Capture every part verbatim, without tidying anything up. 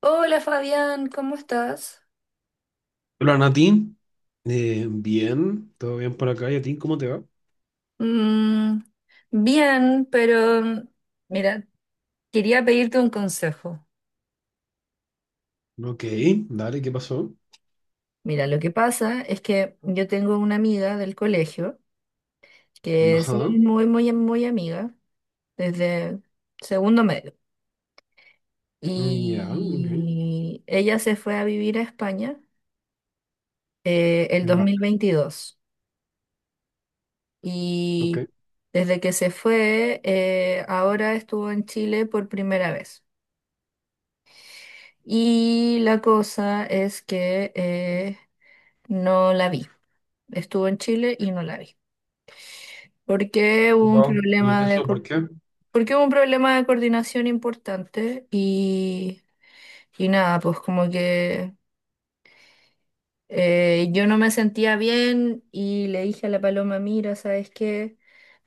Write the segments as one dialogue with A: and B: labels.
A: Hola Fabián, ¿cómo estás?
B: Hola Natín. Eh, bien, todo bien por acá. ¿Y a ti cómo te va?
A: Mm, bien, pero mm, mira, quería pedirte un consejo.
B: Ok, dale, ¿qué pasó?
A: Mira, lo que pasa es que yo tengo una amiga del colegio que es
B: Ajá,
A: muy, muy, muy amiga desde segundo medio.
B: mm, ya, ok,
A: Y ella se fue a vivir a España eh, el dos mil
B: vale,
A: veintidós Y
B: ok.
A: desde que se fue, eh, ahora estuvo en Chile por primera vez. Y la cosa es que eh, no la vi. Estuvo en Chile y no la vi. Porque hubo un
B: Wow, ¿y
A: problema de,
B: eso
A: co-
B: por qué?
A: Porque hubo un problema de coordinación importante y, y nada, pues como que eh, yo no me sentía bien y le dije a la Paloma, mira, ¿sabes qué?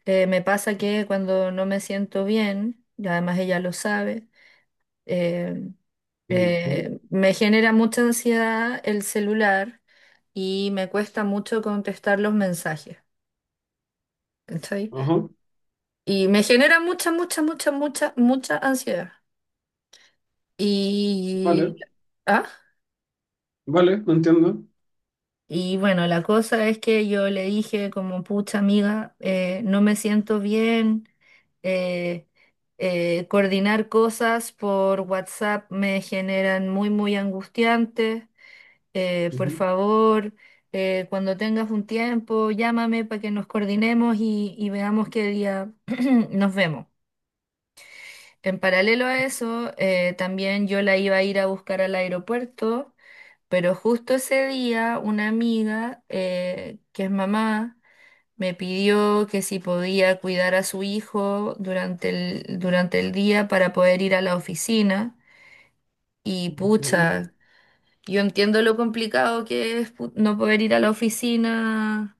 A: Eh, me pasa que cuando no me siento bien, y además ella lo sabe, Eh,
B: Ujú.
A: eh, me genera mucha ansiedad el celular y me cuesta mucho contestar los mensajes, ¿cachai?
B: Ajá,
A: Y me genera mucha, mucha, mucha, mucha, mucha ansiedad. Y,
B: vale,
A: ah,
B: vale, no entiendo.
A: y bueno, la cosa es que yo le dije como, pucha amiga, eh, no me siento bien, eh, eh, coordinar cosas por WhatsApp me generan muy, muy angustiante. Eh, por
B: Ujú,
A: favor, eh, cuando tengas un tiempo, llámame para que nos coordinemos y, y veamos qué día nos vemos. En paralelo a eso, eh, también yo la iba a ir a buscar al aeropuerto, pero justo ese día una amiga, eh, que es mamá, me pidió que si podía cuidar a su hijo durante el, durante el día para poder ir a la oficina. Y
B: ok.
A: pucha, yo entiendo lo complicado que es pu- no poder ir a la oficina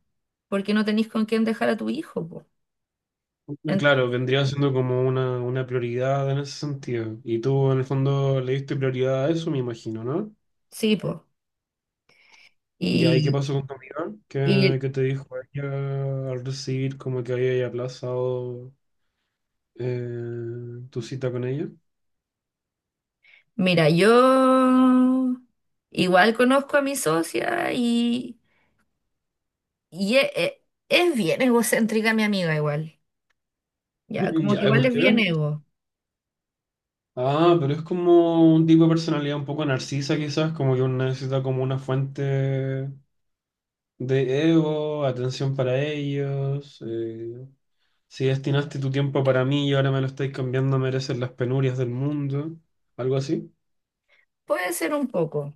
A: porque no tenéis con quién dejar a tu hijo, po.
B: Eh,
A: En-
B: Claro, vendría siendo como una, una prioridad en ese sentido. Y tú en el fondo le diste prioridad a eso, me imagino, ¿no?
A: sí, pues.
B: Ya, ¿y qué
A: Y,
B: pasó con tu amiga? ¿Qué,
A: y
B: qué te dijo ella al recibir como que había aplazado? Eh, ¿tu cita con ella?
A: mira, yo igual conozco a mi socia y, y e- e- es bien egocéntrica mi amiga igual. Ya, como que
B: Ya, ¿eh?
A: igual
B: ¿Por
A: es bien
B: qué?
A: ego.
B: Ah, pero es como un tipo de personalidad un poco narcisa, quizás, como que uno necesita como una fuente de ego, atención para ellos. Eh, si destinaste tu tiempo para mí y ahora me lo estáis cambiando, mereces las penurias del mundo. Algo así.
A: Puede ser un poco,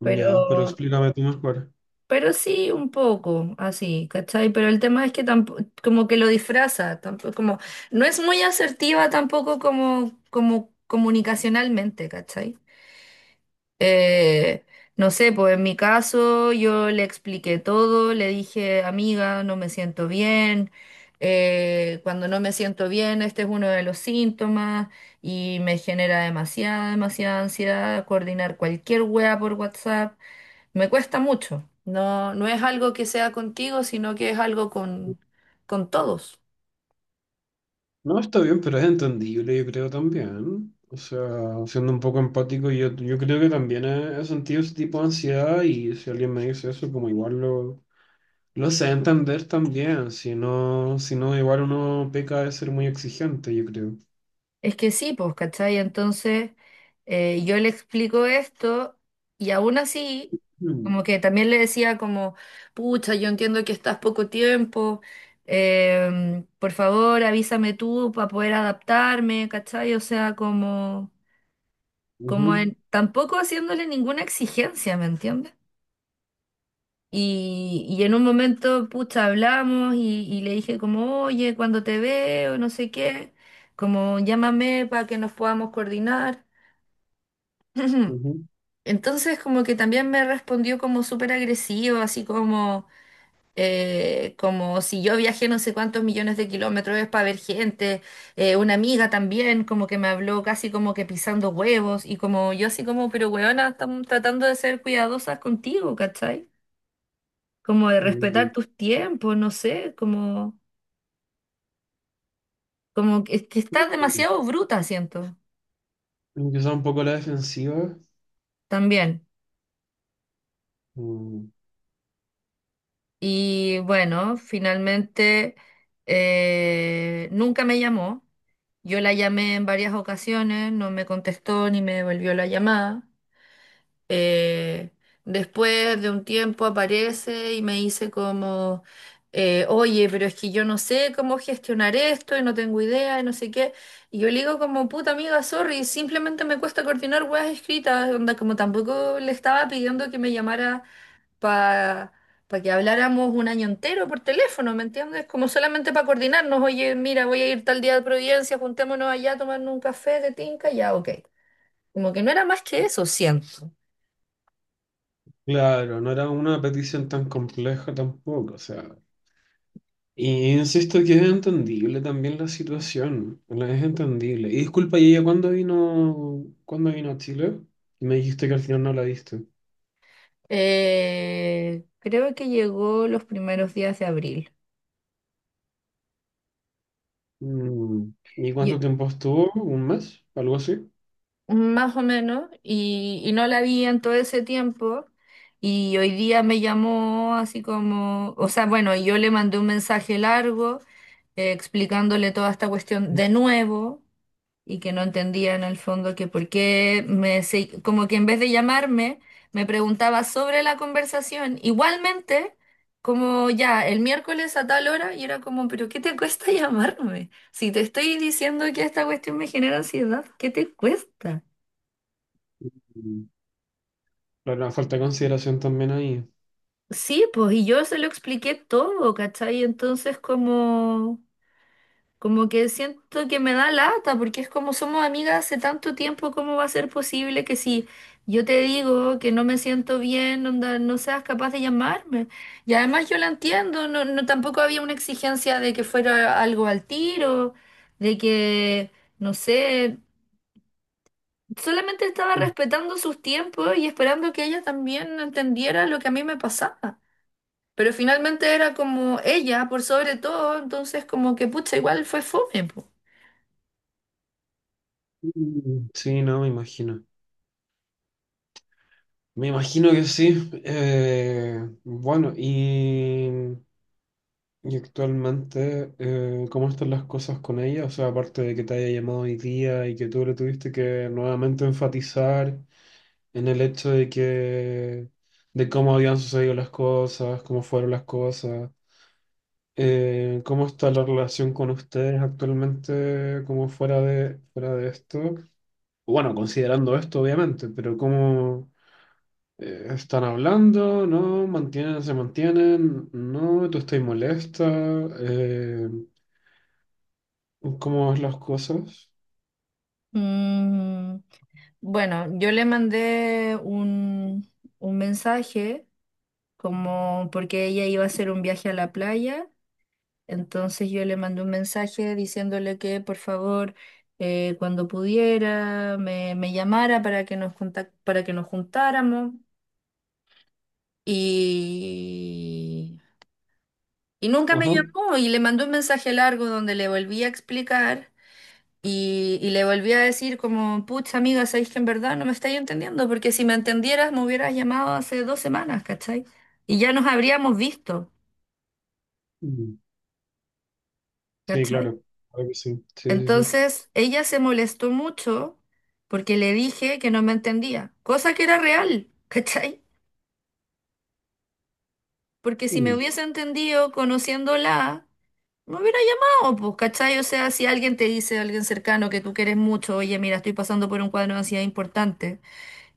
B: Ya, pero
A: pero...
B: explícame tú mejor.
A: Pero sí, un poco, así, ¿cachai? Pero el tema es que tampoco, como que lo disfraza, tampoco, como, no es muy asertiva tampoco como, como comunicacionalmente, ¿cachai? Eh, no sé, pues en mi caso yo le expliqué todo, le dije, amiga, no me siento bien, eh, cuando no me siento bien, este es uno de los síntomas y me genera demasiada, demasiada ansiedad coordinar cualquier wea por WhatsApp. Me cuesta mucho. No, no es algo que sea contigo, sino que es algo con, con todos.
B: No, está bien, pero es entendible, yo creo también. O sea, siendo un poco empático, yo, yo creo que también he, he sentido ese tipo de ansiedad, y si alguien me dice eso, como igual lo, lo sé entender también. Si no, si no, igual uno peca de ser muy exigente, yo creo.
A: Es que sí, pues, ¿cachai? Entonces, eh, yo le explico esto y aún así,
B: Mm,
A: como que también le decía como, pucha, yo entiendo que estás poco tiempo, em, por favor, avísame tú para poder adaptarme, ¿cachai? O sea, como, como
B: ujú,
A: en- tampoco haciéndole ninguna exigencia, ¿me entiendes? Y, y en un momento, pucha, hablamos y, y le dije como, oye, cuando te veo, no sé qué, como llámame para que nos podamos coordinar.
B: ujú,
A: Entonces como que también me respondió como súper agresivo, así como, eh, como si yo viajé no sé cuántos millones de kilómetros es para ver gente. Eh, una amiga también como que me habló casi como que pisando huevos y como yo así como, pero huevona, estamos tratando de ser cuidadosas contigo, ¿cachai? Como de
B: mm.
A: respetar tus tiempos, no sé, como, como que, que estás demasiado bruta, siento,
B: Quizá un poco la defensiva.
A: también.
B: Mm.
A: Y bueno, finalmente eh, nunca me llamó. Yo la llamé en varias ocasiones, no me contestó ni me devolvió la llamada. Eh, después de un tiempo aparece y me dice como, eh, oye, pero es que yo no sé cómo gestionar esto y no tengo idea y no sé qué. Y yo le digo como, puta amiga, sorry, simplemente me cuesta coordinar weas escritas, onda, como tampoco le estaba pidiendo que me llamara para que habláramos un año entero por teléfono, ¿me entiendes? Como solamente para coordinarnos, oye, mira, voy a ir tal día de Providencia, juntémonos allá a tomarnos un café de tinca, ya, ok. Como que no era más que eso, siento.
B: Claro, no era una petición tan compleja tampoco, o sea. Y insisto que es entendible también la situación, la- es entendible. Y disculpa, ¿y ella cuándo vino, cuándo vino a Chile? Me dijiste que al final no la viste.
A: Eh, creo que llegó los primeros días de abril,
B: Mm. ¿Y cuánto
A: y-
B: tiempo estuvo? ¿Un mes? ¿Algo así?
A: más o menos, y, y no la vi en todo ese tiempo. Y hoy día me llamó así como, o sea, bueno, y yo le mandé un mensaje largo eh, explicándole toda esta cuestión de nuevo. Y que no entendía en el fondo que por qué me, se- como que en vez de llamarme, me preguntaba sobre la conversación. Igualmente, como ya el miércoles a tal hora, y era como, pero ¿qué te cuesta llamarme? Si te estoy diciendo que esta cuestión me genera ansiedad, ¿qué te cuesta?
B: Mm. Claro, falta de consideración también ahí.
A: Sí, pues, y yo se lo expliqué todo, ¿cachai? Entonces, como... Como que siento que me da lata, porque es como somos amigas hace tanto tiempo, ¿cómo va a ser posible que si yo te digo que no me siento bien, onda, no seas capaz de llamarme? Y además yo la entiendo, no, no tampoco había una exigencia de que fuera algo al tiro, de que, no sé, solamente estaba respetando sus tiempos y esperando que ella también entendiera lo que a mí me pasaba. Pero finalmente era como ella, por sobre todo, entonces como que pucha, igual fue fome, po.
B: Mm. Sí, no, me imagino. Me imagino que sí. Eh, bueno, y Y actualmente, eh, ¿cómo están las cosas con ella? O sea, aparte de que te haya llamado hoy día y que tú le tuviste que nuevamente enfatizar en el hecho de que, de cómo habían sucedido las cosas, cómo fueron las cosas, eh, ¿cómo está la relación con ustedes actualmente, como fuera de, fuera de esto? Bueno, considerando esto, obviamente, pero ¿cómo eh, están hablando? ¿No? ¿Mantienen, se mantienen? ¿No? ¿Tú estás molesta? Eh, ¿Cómo ves las cosas?
A: Mm, bueno, yo le mandé un, un mensaje como porque ella iba a hacer un viaje a la playa, entonces yo le mandé un mensaje diciéndole que por favor eh, cuando pudiera me, me llamara para que nos contac- para que nos juntáramos y, y nunca me
B: Ajá.
A: llamó y le mandé un mensaje largo donde le volví a explicar. Y, y le volví a decir como, pucha amiga, sabéis que en verdad no me estáis entendiendo, porque si me entendieras me hubieras llamado hace dos semanas, ¿cachai? Y ya nos habríamos visto,
B: Mm. Sí,
A: ¿cachai?
B: claro. Claro que sí. Sí, sí, sí.
A: Entonces ella se molestó mucho porque le dije que no me entendía, cosa que era real, ¿cachai? Porque si me
B: Mm,
A: hubiese entendido conociéndola, me hubiera llamado, pues, ¿cachai? O sea, si alguien te dice, alguien cercano que tú quieres mucho, oye, mira, estoy pasando por un cuadro de ansiedad importante.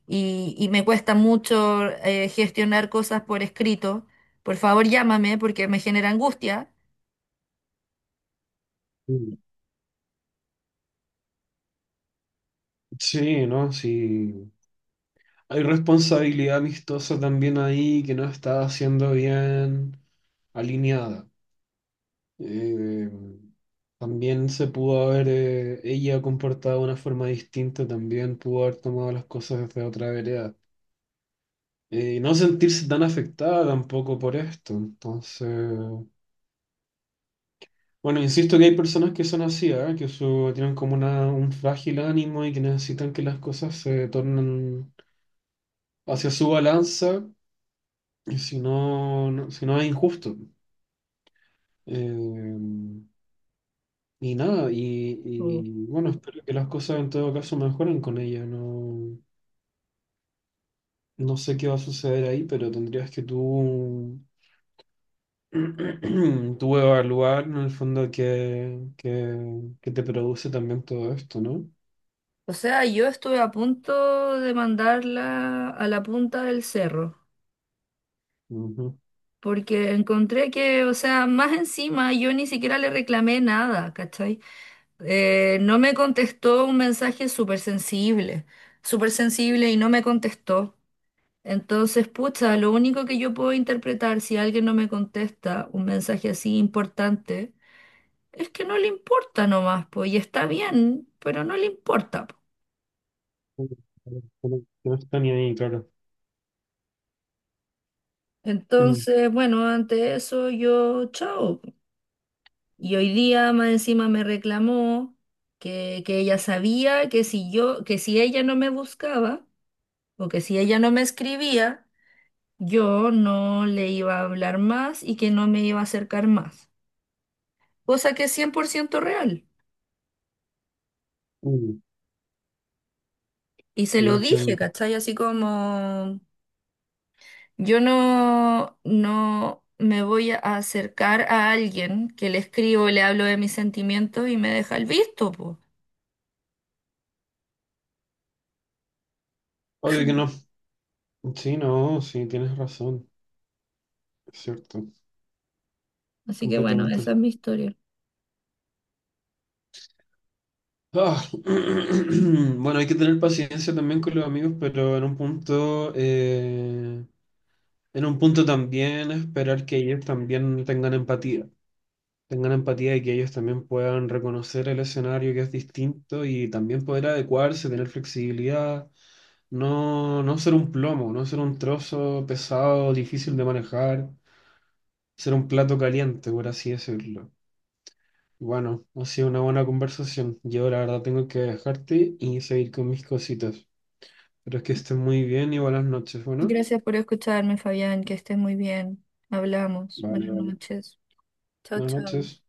A: Y, y me cuesta mucho eh, gestionar cosas por escrito. Por favor, llámame porque me genera angustia.
B: mm. Sí, ¿no? Sí. Hay responsabilidad amistosa también ahí que no está siendo bien alineada. Eh, También se pudo haber, eh, ella comportado de una forma distinta, también pudo haber tomado las cosas desde otra vereda. Eh, y no sentirse tan afectada tampoco por esto. Entonces... Bueno, insisto que hay personas que son así, ¿ah? Que su- tienen como una, un frágil ánimo y que necesitan que las cosas se tornen hacia su balanza, y si no, no- si no es injusto. Eh, y nada, y,
A: Mm.
B: y bueno, espero que las cosas en todo caso mejoren con ella. No, no sé qué va a suceder ahí, pero tendrías que tú, tú evaluar en el fondo qué, qué- qué te produce también todo esto, ¿no?
A: O sea, yo estuve a punto de mandarla a la punta del cerro,
B: Ujú.
A: porque encontré que, o sea, más encima yo ni siquiera le reclamé nada, ¿cachai? Eh, no me contestó un mensaje súper sensible, súper sensible y no me contestó. Entonces, pucha, lo único que yo puedo interpretar si alguien no me contesta un mensaje así importante es que no le importa nomás, pues, y está bien, pero no le importa, po.
B: Mm. No, no está ni ahí, claro. Mm,
A: Entonces, bueno, ante eso yo, chao. Y hoy día más encima me reclamó que, que ella sabía que si yo, que si ella no me buscaba o que si ella no me escribía, yo no le iba a hablar más y que no me iba a acercar más. Cosa que es cien por ciento real.
B: mm,
A: Y se
B: no
A: lo dije,
B: entiendo.
A: ¿cachai? Así como... Yo no, no me voy a acercar a alguien que le escribo, le hablo de mis sentimientos y me deja el visto, po.
B: Obvio que no. Sí, no, sí, tienes razón. Es cierto,
A: Así que bueno,
B: completamente
A: esa es
B: cierto.
A: mi historia.
B: Ah, bueno, hay que tener paciencia también con los amigos, pero en un punto, eh, en un punto también esperar que ellos también tengan empatía. Tengan empatía y que ellos también puedan reconocer el escenario que es distinto y también poder adecuarse, tener flexibilidad, no, no ser un plomo, no ser un trozo pesado, difícil de manejar, ser un plato caliente, por así decirlo. Bueno, ha sido una buena conversación. Yo la verdad tengo que dejarte y seguir con mis cositas. Pero es que estés muy bien y buenas noches, bueno.
A: Gracias por escucharme, Fabián, que estés muy bien. Hablamos.
B: Vale,
A: Buenas
B: vale.
A: noches. Chao,
B: Buenas
A: chao.
B: noches.